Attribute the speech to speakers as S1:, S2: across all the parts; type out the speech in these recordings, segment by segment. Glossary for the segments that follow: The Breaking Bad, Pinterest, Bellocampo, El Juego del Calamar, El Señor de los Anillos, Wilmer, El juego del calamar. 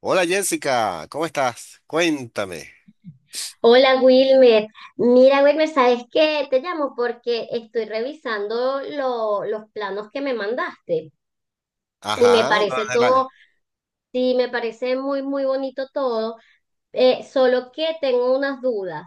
S1: Hola Jessica, ¿cómo estás? Cuéntame.
S2: Hola Wilmer, mira Wilmer, ¿sabes qué? Te llamo porque estoy revisando los planos que me mandaste y me
S1: Ajá, lo
S2: parece
S1: de
S2: todo,
S1: la-
S2: sí, me parece muy, muy bonito todo, solo que tengo unas dudas.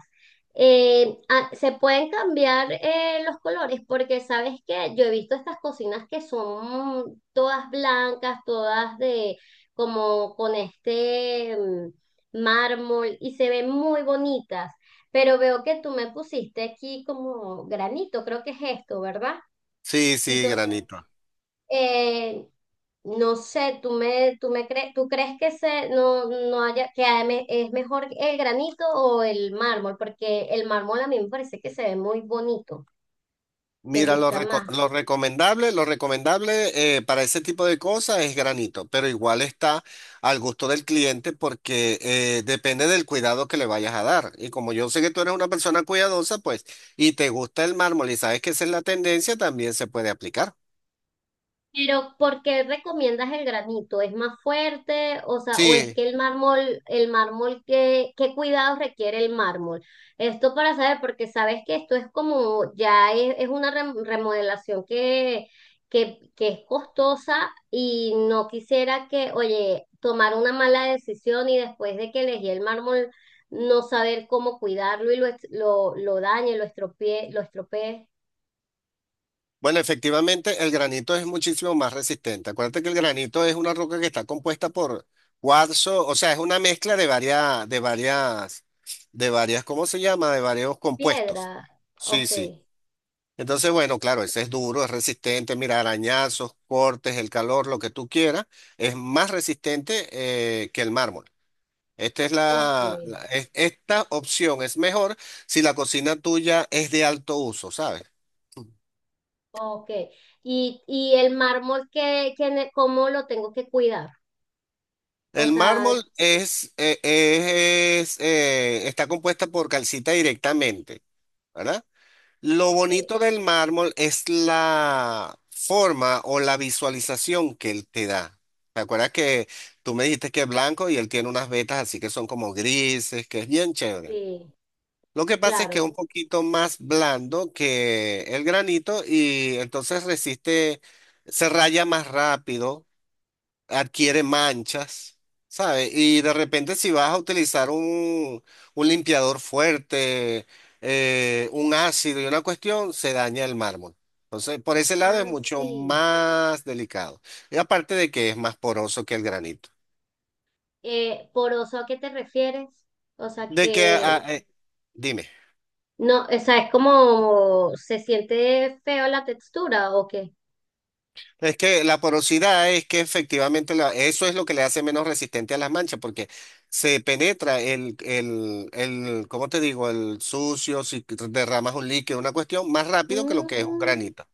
S2: ¿Se pueden cambiar los colores? Porque sabes que yo he visto estas cocinas que son todas blancas, todas de como con este mármol y se ven muy bonitas, pero veo que tú me pusiste aquí como granito, creo que es esto, ¿verdad?
S1: Sí, sí,
S2: Entonces
S1: granito.
S2: eh, no sé, tú me crees, tú crees que se, no, no haya, que es mejor el granito o el mármol, porque el mármol a mí me parece que se ve muy bonito, me
S1: Mira, lo,
S2: gusta más.
S1: reco- lo recomendable, lo recomendable para ese tipo de cosas es granito, pero igual está al gusto del cliente porque depende del cuidado que le vayas a dar. Y como yo sé que tú eres una persona cuidadosa, pues, y te gusta el mármol y sabes que esa es la tendencia, también se puede aplicar.
S2: Pero, ¿por qué recomiendas el granito? ¿Es más fuerte? O sea, o es
S1: Sí.
S2: que el mármol, ¿qué, qué cuidados requiere el mármol? Esto para saber, porque sabes que esto es como, ya es una remodelación que es costosa y no quisiera que, oye, tomar una mala decisión y después de que elegí el mármol, no saber cómo cuidarlo y lo dañe, lo estropee
S1: Bueno, efectivamente, el granito es muchísimo más resistente. Acuérdate que el granito es una roca que está compuesta por cuarzo, o sea, es una mezcla de varias, ¿cómo se llama? De varios compuestos.
S2: piedra.
S1: Sí,
S2: Ok,
S1: sí. Entonces, bueno, claro, ese es duro, es resistente, mira, arañazos, cortes, el calor, lo que tú quieras, es más resistente que el mármol. Esta es
S2: ok.
S1: esta opción es mejor si la cocina tuya es de alto uso, ¿sabes?
S2: Ok. Y el mármol, cómo lo tengo que cuidar? O
S1: El
S2: sea,
S1: mármol es, está compuesta por calcita directamente, ¿verdad? Lo
S2: ok,
S1: bonito del mármol es la forma o la visualización que él te da. ¿Te acuerdas que tú me dijiste que es blanco y él tiene unas vetas así que son como grises, que es bien chévere?
S2: sí,
S1: Lo que pasa es que es
S2: claro.
S1: un poquito más blando que el granito y entonces resiste, se raya más rápido, adquiere manchas, ¿sabes? Y de repente si vas a utilizar un limpiador fuerte, un ácido y una cuestión, se daña el mármol. Entonces, por ese lado es
S2: Ah,
S1: mucho
S2: sí.
S1: más delicado. Y aparte de que es más poroso que el granito.
S2: ¿Poroso a qué te refieres? O sea,
S1: De que,
S2: que
S1: ah, eh, dime.
S2: no, o sea, es como se siente feo la textura o qué.
S1: Es que la porosidad es que efectivamente eso es lo que le hace menos resistente a las manchas, porque se penetra el, ¿cómo te digo? El sucio, si derramas un líquido, una cuestión, más rápido que lo que es un
S2: Mm,
S1: granito.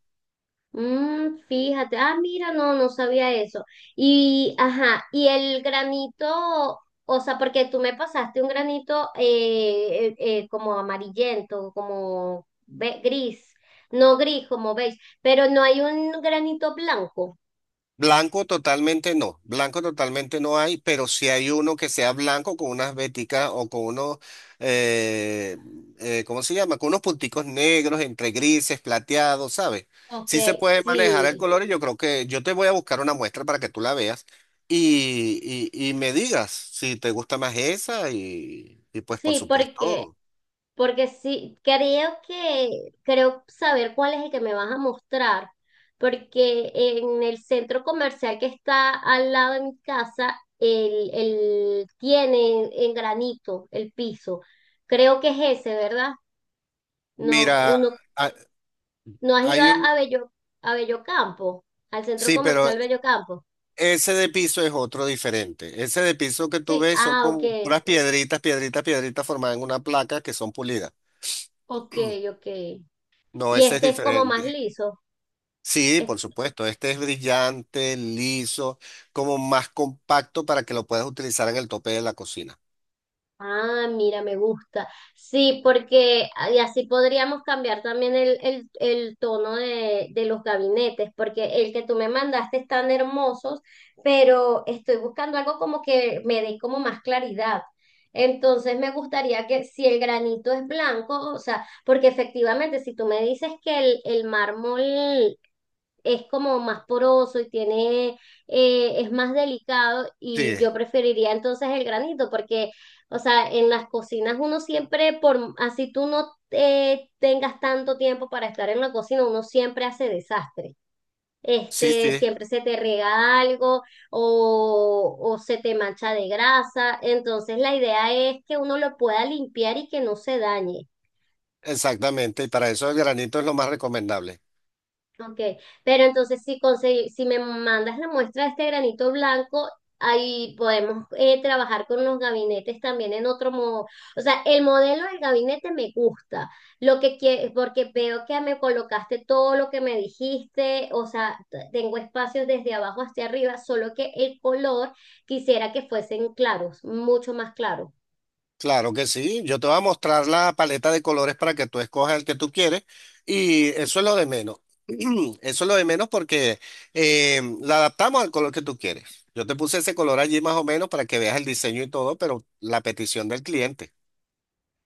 S2: mm, fíjate, ah, mira, no, no sabía eso. Y, ajá, y el granito, o sea, porque tú me pasaste un granito como amarillento, gris, no gris, como beige, pero no hay un granito blanco.
S1: Blanco totalmente no hay, pero si hay uno que sea blanco con unas veticas o con unos, eh, ¿cómo se llama? Con unos punticos negros entre grises, plateados, ¿sabes?
S2: Ok,
S1: Sí se puede manejar
S2: sí.
S1: el color y yo creo que yo te voy a buscar una muestra para que tú la veas y me digas si te gusta más esa y pues por
S2: Sí, porque,
S1: supuesto,
S2: porque sí, creo que, creo saber cuál es el que me vas a mostrar, porque en el centro comercial que está al lado de mi casa, el tiene en granito el piso. Creo que es ese, ¿verdad? No,
S1: mira,
S2: uno,
S1: ha-
S2: ¿no has ido
S1: hay un,
S2: a Bello, a Bellocampo, al centro
S1: sí, pero
S2: comercial Bellocampo?
S1: ese de piso es otro diferente. Ese de piso que tú
S2: Sí,
S1: ves son
S2: ah, ok,
S1: como unas piedritas, piedritas, piedritas formadas en una placa que son pulidas.
S2: ok, ok.
S1: No,
S2: Y
S1: ese es
S2: este es como más
S1: diferente.
S2: liso.
S1: Sí, por supuesto. Este es brillante, liso, como más compacto para que lo puedas utilizar en el tope de la cocina.
S2: Ah, mira, me gusta. Sí, porque ah, y así podríamos cambiar también el tono de los gabinetes, porque el que tú me mandaste están hermosos, pero estoy buscando algo como que me dé como más claridad. Entonces me gustaría que si el granito es blanco, o sea, porque efectivamente si tú me dices que el mármol es como más poroso y tiene, es más delicado y
S1: Sí,
S2: yo preferiría entonces el granito porque, o sea, en las cocinas uno siempre, por, así tú no tengas tanto tiempo para estar en la cocina, uno siempre hace desastre.
S1: sí,
S2: Este,
S1: sí,
S2: siempre se te riega algo o se te mancha de grasa. Entonces la idea es que uno lo pueda limpiar y que no se dañe.
S1: exactamente. Y para eso el granito es lo más recomendable.
S2: Ok, pero entonces si si me mandas la muestra de este granito blanco, ahí podemos trabajar con los gabinetes también en otro modo. O sea, el modelo del gabinete me gusta, porque veo que me colocaste todo lo que me dijiste, o sea, tengo espacios desde abajo hacia arriba, solo que el color quisiera que fuesen claros, mucho más claros.
S1: Claro que sí, yo te voy a mostrar la paleta de colores para que tú escojas el que tú quieres y eso es lo de menos. Eso es lo de menos porque la adaptamos al color que tú quieres. Yo te puse ese color allí más o menos para que veas el diseño y todo, pero la petición del cliente.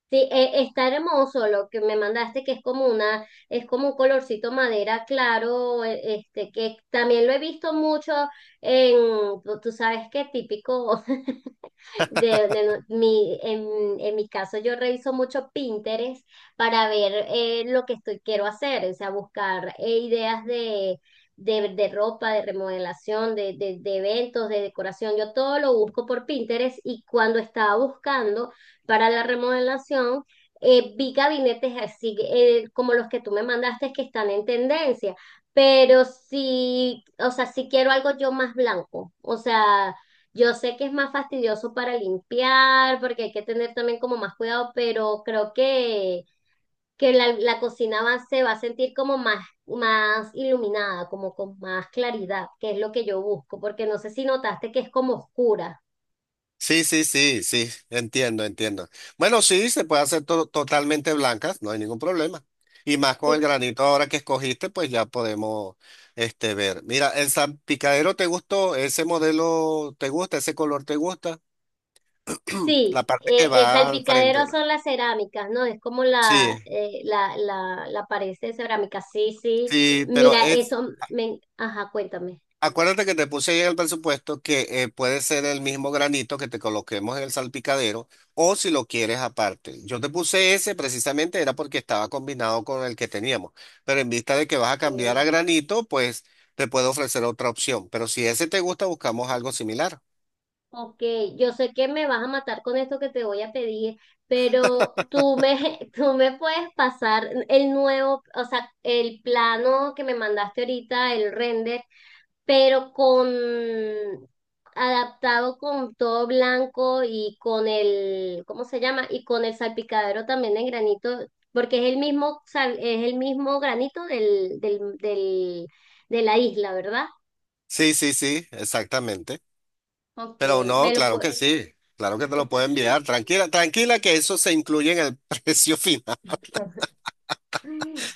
S2: Sí, está hermoso lo que me mandaste, que es como una, es como un colorcito madera claro, este, que también lo he visto mucho en, tú tú sabes qué típico, de no, mi, en mi caso, yo reviso mucho Pinterest para ver lo que estoy, quiero hacer, o sea, buscar ideas de, de ropa, de remodelación, de eventos, de decoración. Yo todo lo busco por Pinterest y cuando estaba buscando para la remodelación, vi gabinetes así como los que tú me mandaste que están en tendencia. Pero sí, o sea, si quiero algo yo más blanco. O sea, yo sé que es más fastidioso para limpiar, porque hay que tener también como más cuidado, pero creo que la cocina va, se va a sentir como más, más iluminada, como con más claridad, que es lo que yo busco, porque no sé si notaste que es como oscura,
S1: Sí, sí, sí, sí, entiendo, entiendo. Bueno, sí, se puede hacer totalmente blancas, no hay ningún problema. Y más con el
S2: ¿sí?
S1: granito ahora que escogiste, pues ya podemos este, ver. Mira, el salpicadero te gustó, ese modelo te gusta, ese color te gusta, la
S2: Sí,
S1: parte que
S2: el
S1: va al
S2: salpicadero
S1: frente, ¿no?
S2: son las cerámicas, ¿no? Es como la,
S1: Sí,
S2: la pared de cerámica, sí, sí.
S1: sí, pero
S2: Mira,
S1: es,
S2: eso, me, ajá, cuéntame.
S1: acuérdate que te puse ahí en el presupuesto que puede ser el mismo granito que te coloquemos en el salpicadero o si lo quieres aparte. Yo te puse ese precisamente era porque estaba combinado con el que teníamos, pero en vista de que vas a cambiar a granito, pues te puedo ofrecer otra opción. Pero si ese te gusta, buscamos algo similar.
S2: Ok, yo sé que me vas a matar con esto que te voy a pedir, pero tú me, tú me puedes pasar el nuevo, o sea, el plano que me mandaste ahorita, el render, pero con adaptado con todo blanco y con el, ¿cómo se llama? Y con el salpicadero también en granito, porque es el mismo, es el mismo granito del, de la isla, ¿verdad?
S1: Sí, sí, sí, exactamente.
S2: Ok,
S1: Pero no,
S2: me lo
S1: claro
S2: puedo.
S1: que sí, claro que te lo puedo enviar. Tranquila, tranquila que eso se incluye en el precio final.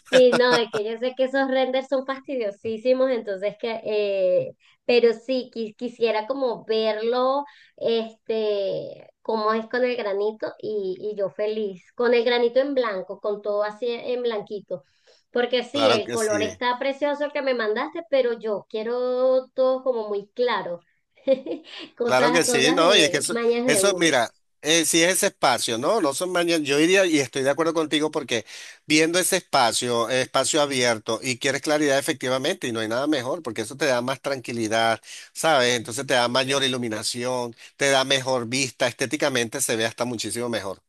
S2: Sí, no, es que yo sé que esos renders son fastidiosísimos, entonces que, pero sí, quisiera como verlo, este, cómo es con el granito y yo feliz, con el granito en blanco, con todo así en blanquito, porque sí,
S1: Claro
S2: el
S1: que
S2: color
S1: sí.
S2: está precioso que me mandaste, pero yo quiero todo como muy claro,
S1: Claro
S2: cosas,
S1: que sí,
S2: cosas
S1: ¿no? Y es que
S2: de
S1: eso,
S2: mañas de
S1: eso
S2: uno.
S1: mira, si es ese espacio, ¿no? No son mañana, yo iría y estoy de acuerdo contigo porque viendo ese espacio, espacio abierto y quieres claridad efectivamente y no hay nada mejor porque eso te da más tranquilidad, ¿sabes? Entonces te da mayor iluminación, te da mejor vista, estéticamente se ve hasta muchísimo mejor.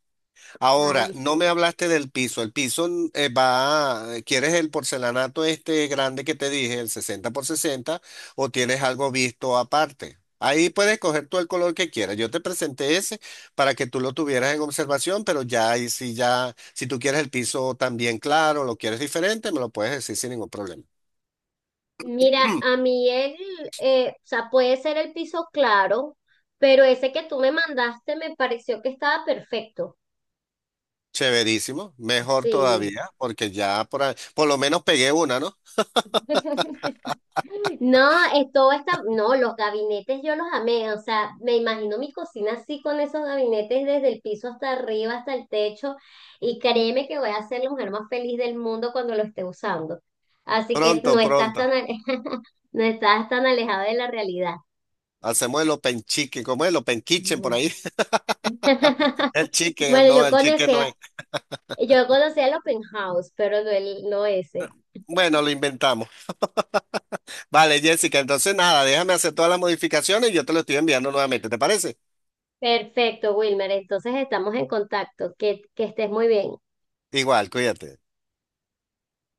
S1: Ahora,
S2: Ay,
S1: no me
S2: sí.
S1: hablaste del piso. El piso va, ¿quieres el porcelanato este grande que te dije, el 60x60? ¿O tienes algo visto aparte? Ahí puedes coger tú el color que quieras. Yo te presenté ese para que tú lo tuvieras en observación, pero ya ahí sí ya, si tú quieres el piso también claro, lo quieres diferente, me lo puedes decir sin ningún problema.
S2: Mira, a mí el, o sea, puede ser el piso claro, pero ese que tú me mandaste me pareció que estaba perfecto.
S1: Chéverísimo, mejor
S2: Sí.
S1: todavía, porque ya por, por lo menos pegué una, ¿no?
S2: No, todo está, no, los gabinetes yo los amé, o sea, me imagino mi cocina así con esos gabinetes desde el piso hasta arriba, hasta el techo, y créeme que voy a ser la mujer más feliz del mundo cuando lo esté usando. Así que
S1: Pronto,
S2: no estás
S1: pronto.
S2: tan, no estás tan alejada de la realidad.
S1: Hacemos el open chicken, ¿cómo es el open kitchen por
S2: Ujú.
S1: ahí?
S2: Bueno,
S1: El chicken no es.
S2: yo conocía el open house, pero no el, no ese.
S1: Bueno, lo inventamos. Vale, Jessica, entonces nada, déjame hacer todas las modificaciones y yo te lo estoy enviando nuevamente, ¿te parece?
S2: Perfecto, Wilmer. Entonces estamos en contacto. Que estés muy bien.
S1: Igual, cuídate.